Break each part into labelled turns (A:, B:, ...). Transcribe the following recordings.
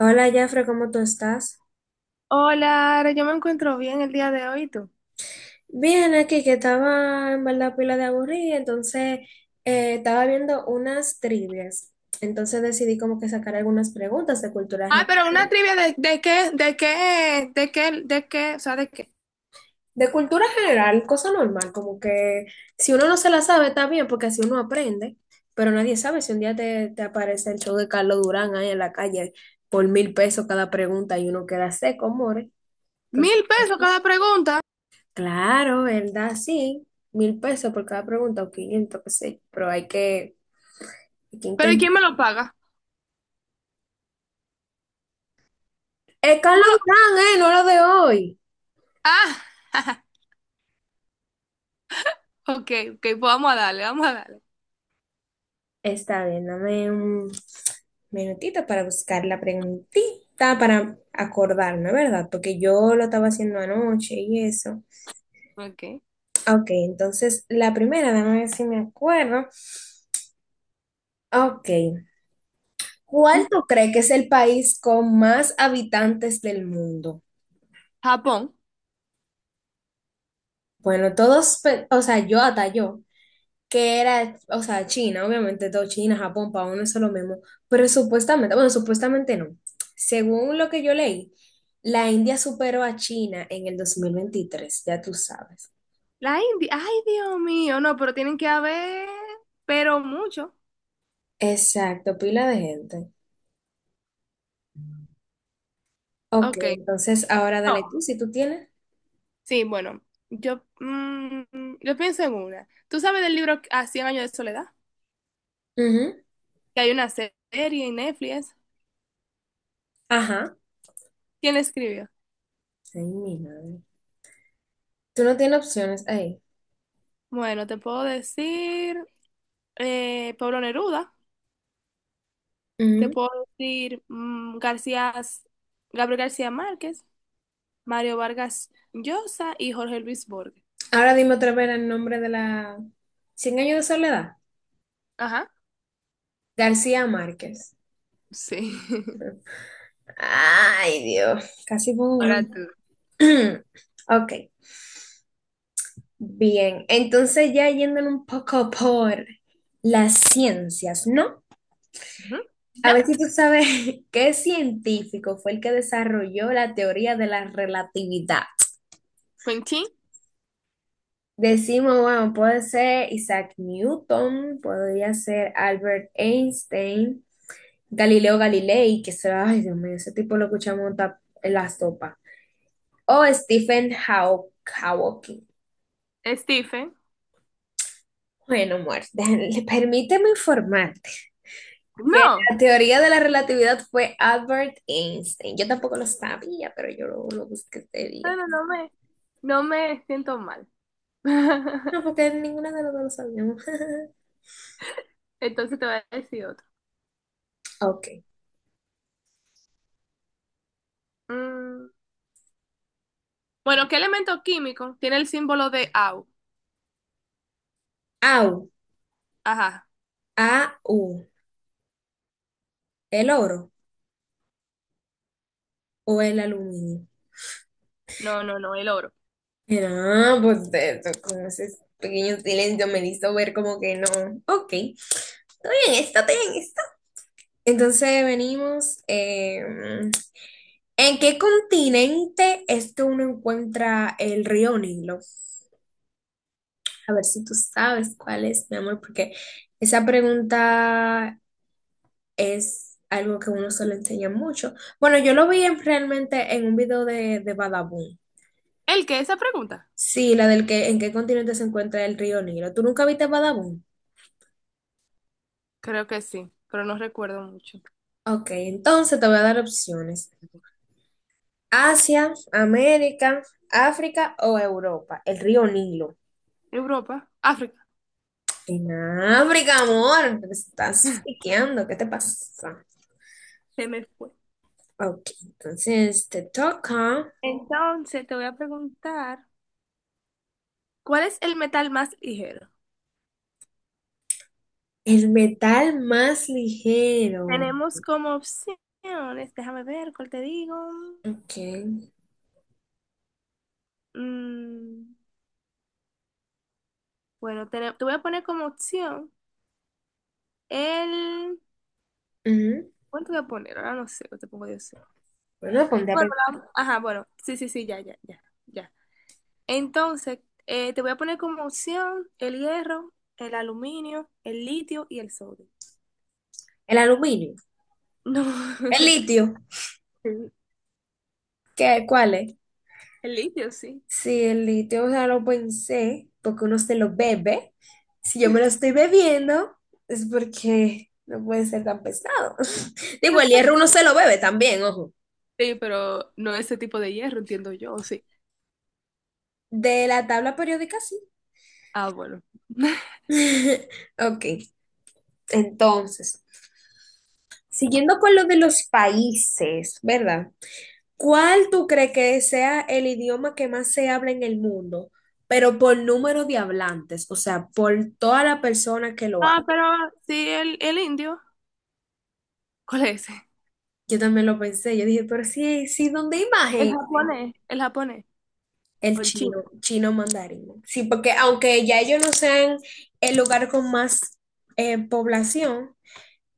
A: Hola, Jafre, ¿cómo tú estás?
B: Hola, Ara, yo me encuentro bien el día de hoy, ¿y tú?
A: Bien, aquí que estaba en verdad pila de aburrida, entonces estaba viendo unas trivias. Entonces decidí como que sacar algunas preguntas de cultura
B: Ah,
A: general.
B: pero una trivia de qué, de qué, de qué, de qué, o sea, de qué.
A: De cultura general, cosa normal, como que si uno no se la sabe está bien, porque así uno aprende, pero nadie sabe si un día te aparece el show de Carlos Durán ahí en la calle por mil pesos cada pregunta y uno queda seco, more. Entonces.
B: Mil pesos cada pregunta,
A: Claro, ¿verdad? Sí, mil pesos por cada pregunta o 500 qué sé, pero hay que
B: pero ¿y quién
A: intentar.
B: me lo paga?
A: Es
B: Tú
A: Carlos
B: no-
A: Durán, ¿eh? No lo de hoy.
B: Ah, ok, ok, pues vamos a darle, vamos a darle.
A: Está bien, dame un minutito para buscar la preguntita, para acordarme, ¿verdad? Porque yo lo estaba haciendo anoche y eso.
B: Ok.
A: Ok, entonces la primera, déjame ver si me acuerdo. Ok, ¿cuál tú crees que es el país con más habitantes del mundo?
B: Japón.
A: Bueno, todos, o sea, yo hasta yo. Que era, o sea, China, obviamente todo China, Japón, para uno es lo mismo, pero supuestamente, bueno, supuestamente no. Según lo que yo leí, la India superó a China en el 2023, ya tú sabes.
B: La India, ay, Dios mío, no, pero tienen que haber, pero mucho.
A: Exacto, pila de gente. Ok,
B: Ok.
A: entonces ahora
B: No.
A: dale tú, si tú tienes.
B: Sí, bueno, yo, mm, yo pienso en una. ¿Tú sabes del libro A 100 años de soledad?
A: Ujú.
B: Que hay una serie en Netflix.
A: Ajá.
B: ¿Quién le escribió?
A: Ay, mi madre. Tú no tienes opciones ahí.
B: Bueno, te puedo decir Pablo Neruda, te
A: Ujú.
B: puedo decir Gabriel García Márquez, Mario Vargas Llosa y Jorge Luis Borges.
A: Ahora dime otra vez el nombre de la... Cien años de soledad.
B: Ajá,
A: García Márquez.
B: sí.
A: Ay, Dios. Casi pongo
B: Ahora
A: uno.
B: tú.
A: Ok, bien. Entonces ya yéndole un poco por las ciencias, ¿no?
B: Ujú.
A: A ver si
B: Nat,
A: tú sabes qué científico fue el que desarrolló la teoría de la relatividad.
B: Quentin,
A: Decimos, bueno, puede ser Isaac Newton, podría ser Albert Einstein, Galileo Galilei, ay Dios mío, ese tipo lo escuchamos en la sopa, o Stephen Hawking.
B: Stephen.
A: Bueno, Muerte, permíteme informarte que
B: No,
A: la teoría de la relatividad fue Albert Einstein. Yo tampoco lo sabía, pero yo lo busqué este día.
B: no, no, no me siento mal.
A: No, porque ninguna de las dos lo sabíamos.
B: Entonces te voy a decir otro.
A: Ok.
B: Mm, Bueno, ¿qué elemento químico tiene el símbolo de Au?
A: AU.
B: Ajá.
A: AU. ¿El oro o el aluminio?
B: No, no, no, el oro.
A: No, pues con ese pequeño silencio me hizo ver como que no. Ok. Estoy en esta. Entonces venimos. ¿En qué continente es que uno encuentra el río Nilo? A ver si tú sabes cuál es, mi amor, porque esa pregunta es algo que uno se lo enseña mucho. Bueno, yo realmente en un video de Badabun.
B: ¿El qué? Esa pregunta.
A: Sí, la del que en qué continente se encuentra el río Nilo. ¿Tú nunca viste Badabun?
B: Creo que sí, pero no recuerdo mucho.
A: Ok, entonces te voy a dar opciones. Asia, América, África o Europa. El río Nilo.
B: Europa, África,
A: En África, amor, te estás fiqueando, ¿qué te pasa?
B: se me fue.
A: Ok, entonces te toca.
B: Entonces te voy a preguntar, ¿cuál es el metal más ligero?
A: El metal más ligero.
B: Tenemos como opciones, déjame ver cuál te digo.
A: Ok.
B: Mm, bueno, te voy a poner como opción el...
A: Ujú.
B: ¿Cuánto voy a poner? Ahora no sé, no te pongo yo sé.
A: Bueno, ponte a
B: Bueno,
A: pensar.
B: ajá, bueno, sí, sí, sí, ya, ya, ya, ya. Entonces, te voy a poner como opción el hierro, el aluminio, el litio y el sodio.
A: El aluminio.
B: No.
A: El litio.
B: El,
A: ¿Qué? ¿Cuál es?
B: el litio, sí.
A: Sí, el litio, o sea, lo pensé porque uno se lo bebe. Si yo me lo estoy bebiendo, es porque no puede ser tan pesado. Digo, el hierro uno se lo bebe también, ojo.
B: Sí, pero no ese tipo de hierro, entiendo yo, sí.
A: De la tabla periódica, sí.
B: Ah, bueno.
A: Ok, entonces, siguiendo con lo de los países, ¿verdad? ¿Cuál tú crees que sea el idioma que más se habla en el mundo? Pero por número de hablantes, o sea, por toda la persona que lo
B: Ah,
A: habla.
B: pero sí, el indio. ¿Cuál es ese?
A: Yo también lo pensé, yo dije, pero sí, sí, ¿dónde hay más
B: El
A: gente?
B: japonés. El japonés. O
A: El
B: el chino.
A: chino, chino mandarín. Sí, porque aunque ya ellos no sean el lugar con más población,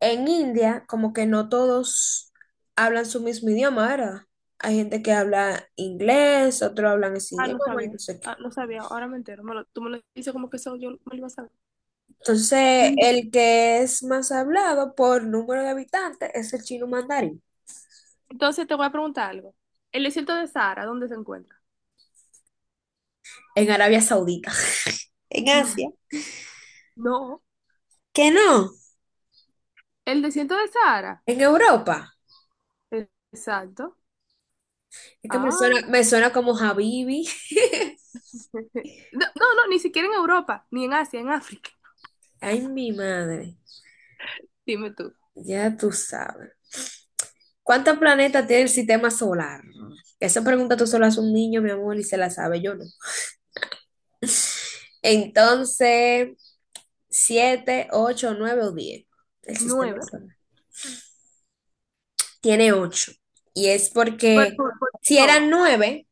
A: en India como que no todos hablan su mismo idioma, ¿verdad? Hay gente que habla inglés, otros hablan ese
B: Ah, no
A: idioma y
B: sabía.
A: no sé qué.
B: Ah, no sabía. Ahora me entero. Tú me lo dices como que eso yo me lo iba a saber.
A: Entonces, el que es más hablado por número de habitantes es el chino mandarín
B: Entonces te voy a preguntar algo. ¿El desierto de Sahara, dónde se encuentra?
A: en Arabia Saudita. En Asia.
B: No.
A: ¿Que no?
B: ¿El desierto de Sahara?
A: ¿En Europa?
B: E- Exacto.
A: Es que
B: Ah.
A: me suena como Habibi.
B: No, no, no, ni siquiera en Europa, ni en Asia, en África.
A: Ay, mi madre.
B: Dime tú.
A: Ya tú sabes. ¿Cuántos planetas tiene el sistema solar? Esa pregunta tú solo haces a un niño, mi amor, y se la sabe yo no. Entonces, ¿siete, ocho, nueve o diez? El sistema
B: Nueve.
A: solar. Tiene ocho. Y es
B: Por,
A: porque
B: por, por
A: si
B: Pluto.
A: eran nueve,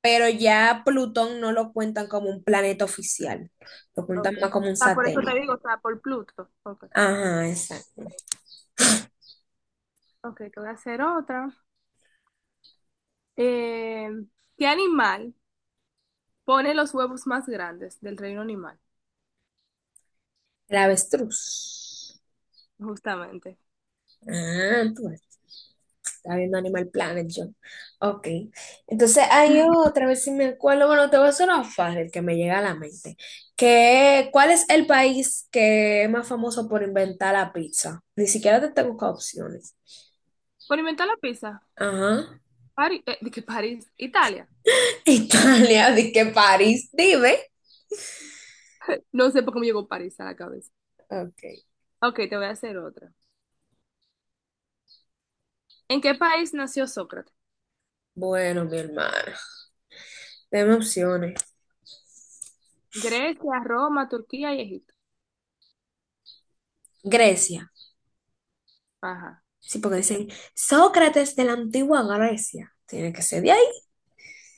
A: pero ya Plutón no lo cuentan como un planeta oficial, lo cuentan
B: Okay.
A: más
B: O
A: como un
B: sea, por eso te
A: satélite.
B: digo, o sea, por Pluto. Okay,
A: Ajá, exacto.
B: ok, te voy a hacer otra. Eh, ¿Qué animal pone los huevos más grandes del reino animal?
A: El avestruz.
B: Justamente.
A: Ah, pues, está viendo Animal Planet yo. Ok. Entonces hay otra vez si me acuerdo, bueno, te voy a hacer una fácil que me llega a la mente. Que, ¿cuál es el país que es más famoso por inventar la pizza? Ni siquiera te tengo que opciones.
B: Por inventar la pizza.
A: Ajá.
B: París, ¿de qué París? Italia.
A: Italia, di que París, dime.
B: No sé por qué me llegó París a la cabeza.
A: Ok.
B: Ok, te voy a hacer otra. ¿En qué país nació Sócrates?
A: Bueno, mi hermano. Deme opciones.
B: Grecia, Roma, Turquía y Egipto.
A: Grecia.
B: Ajá,
A: Sí, porque
B: exacto.
A: dicen Sócrates de la antigua Grecia. Tiene que ser de ahí.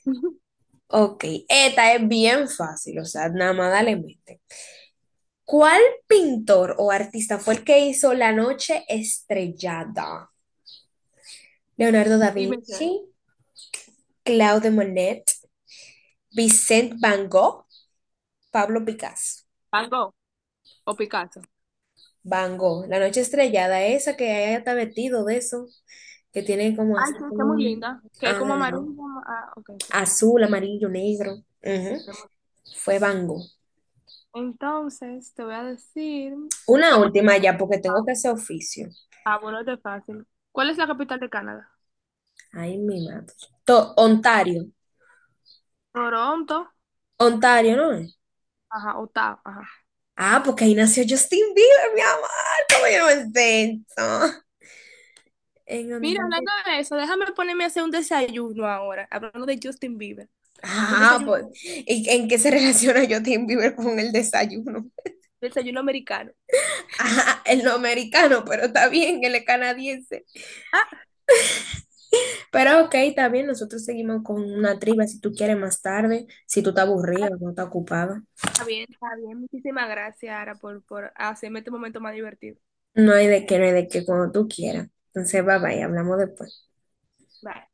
A: Ok, esta es bien fácil, o sea, nada más dale mente. ¿Cuál pintor o artista fue el que hizo La Noche Estrellada? Leonardo da
B: Y mencioné
A: Vinci, Claude Monet, Vicente Van Gogh, Pablo Picasso.
B: Van Gogh o Picasso.
A: Van Gogh, La Noche Estrellada, esa que ella está vestido de eso, que tiene como
B: Ay, sí, está muy
A: azul,
B: linda. Que es
A: ah,
B: como amarilla. Ah, ok, sí.
A: azul, amarillo, negro. Ujú. Fue Bango.
B: Entonces, te voy a decir,
A: Una
B: ¿cuál es?
A: última ya, porque tengo que hacer oficio.
B: Ah, bueno, este es fácil. ¿Cuál es la capital de Canadá?
A: Ay, mi madre. Ontario.
B: Toronto,
A: Ontario, ¿no es?
B: ajá, Ottawa, ajá.
A: Ah, porque ahí nació Justin Bieber, mi amor. ¿Cómo yo no sé eso? En
B: Mira,
A: Ontario.
B: hablando de eso, déjame ponerme a hacer un desayuno ahora, hablando de Justin Bieber, un
A: Ah,
B: desayuno,
A: pues. ¿Y en qué se relaciona Justin Bieber con el desayuno?
B: desayuno americano.
A: Ajá, él no es americano, pero está bien, él es canadiense.
B: Ah,
A: Pero ok, está bien, nosotros seguimos con una triba si tú quieres más tarde, si tú estás
B: ah,
A: aburrida o no estás ocupada.
B: está bien, está bien. Muchísimas gracias, Ara, por hacerme este momento más divertido.
A: No hay de qué, no hay de qué, cuando tú quieras. Entonces, bye bye, hablamos después.
B: Bye.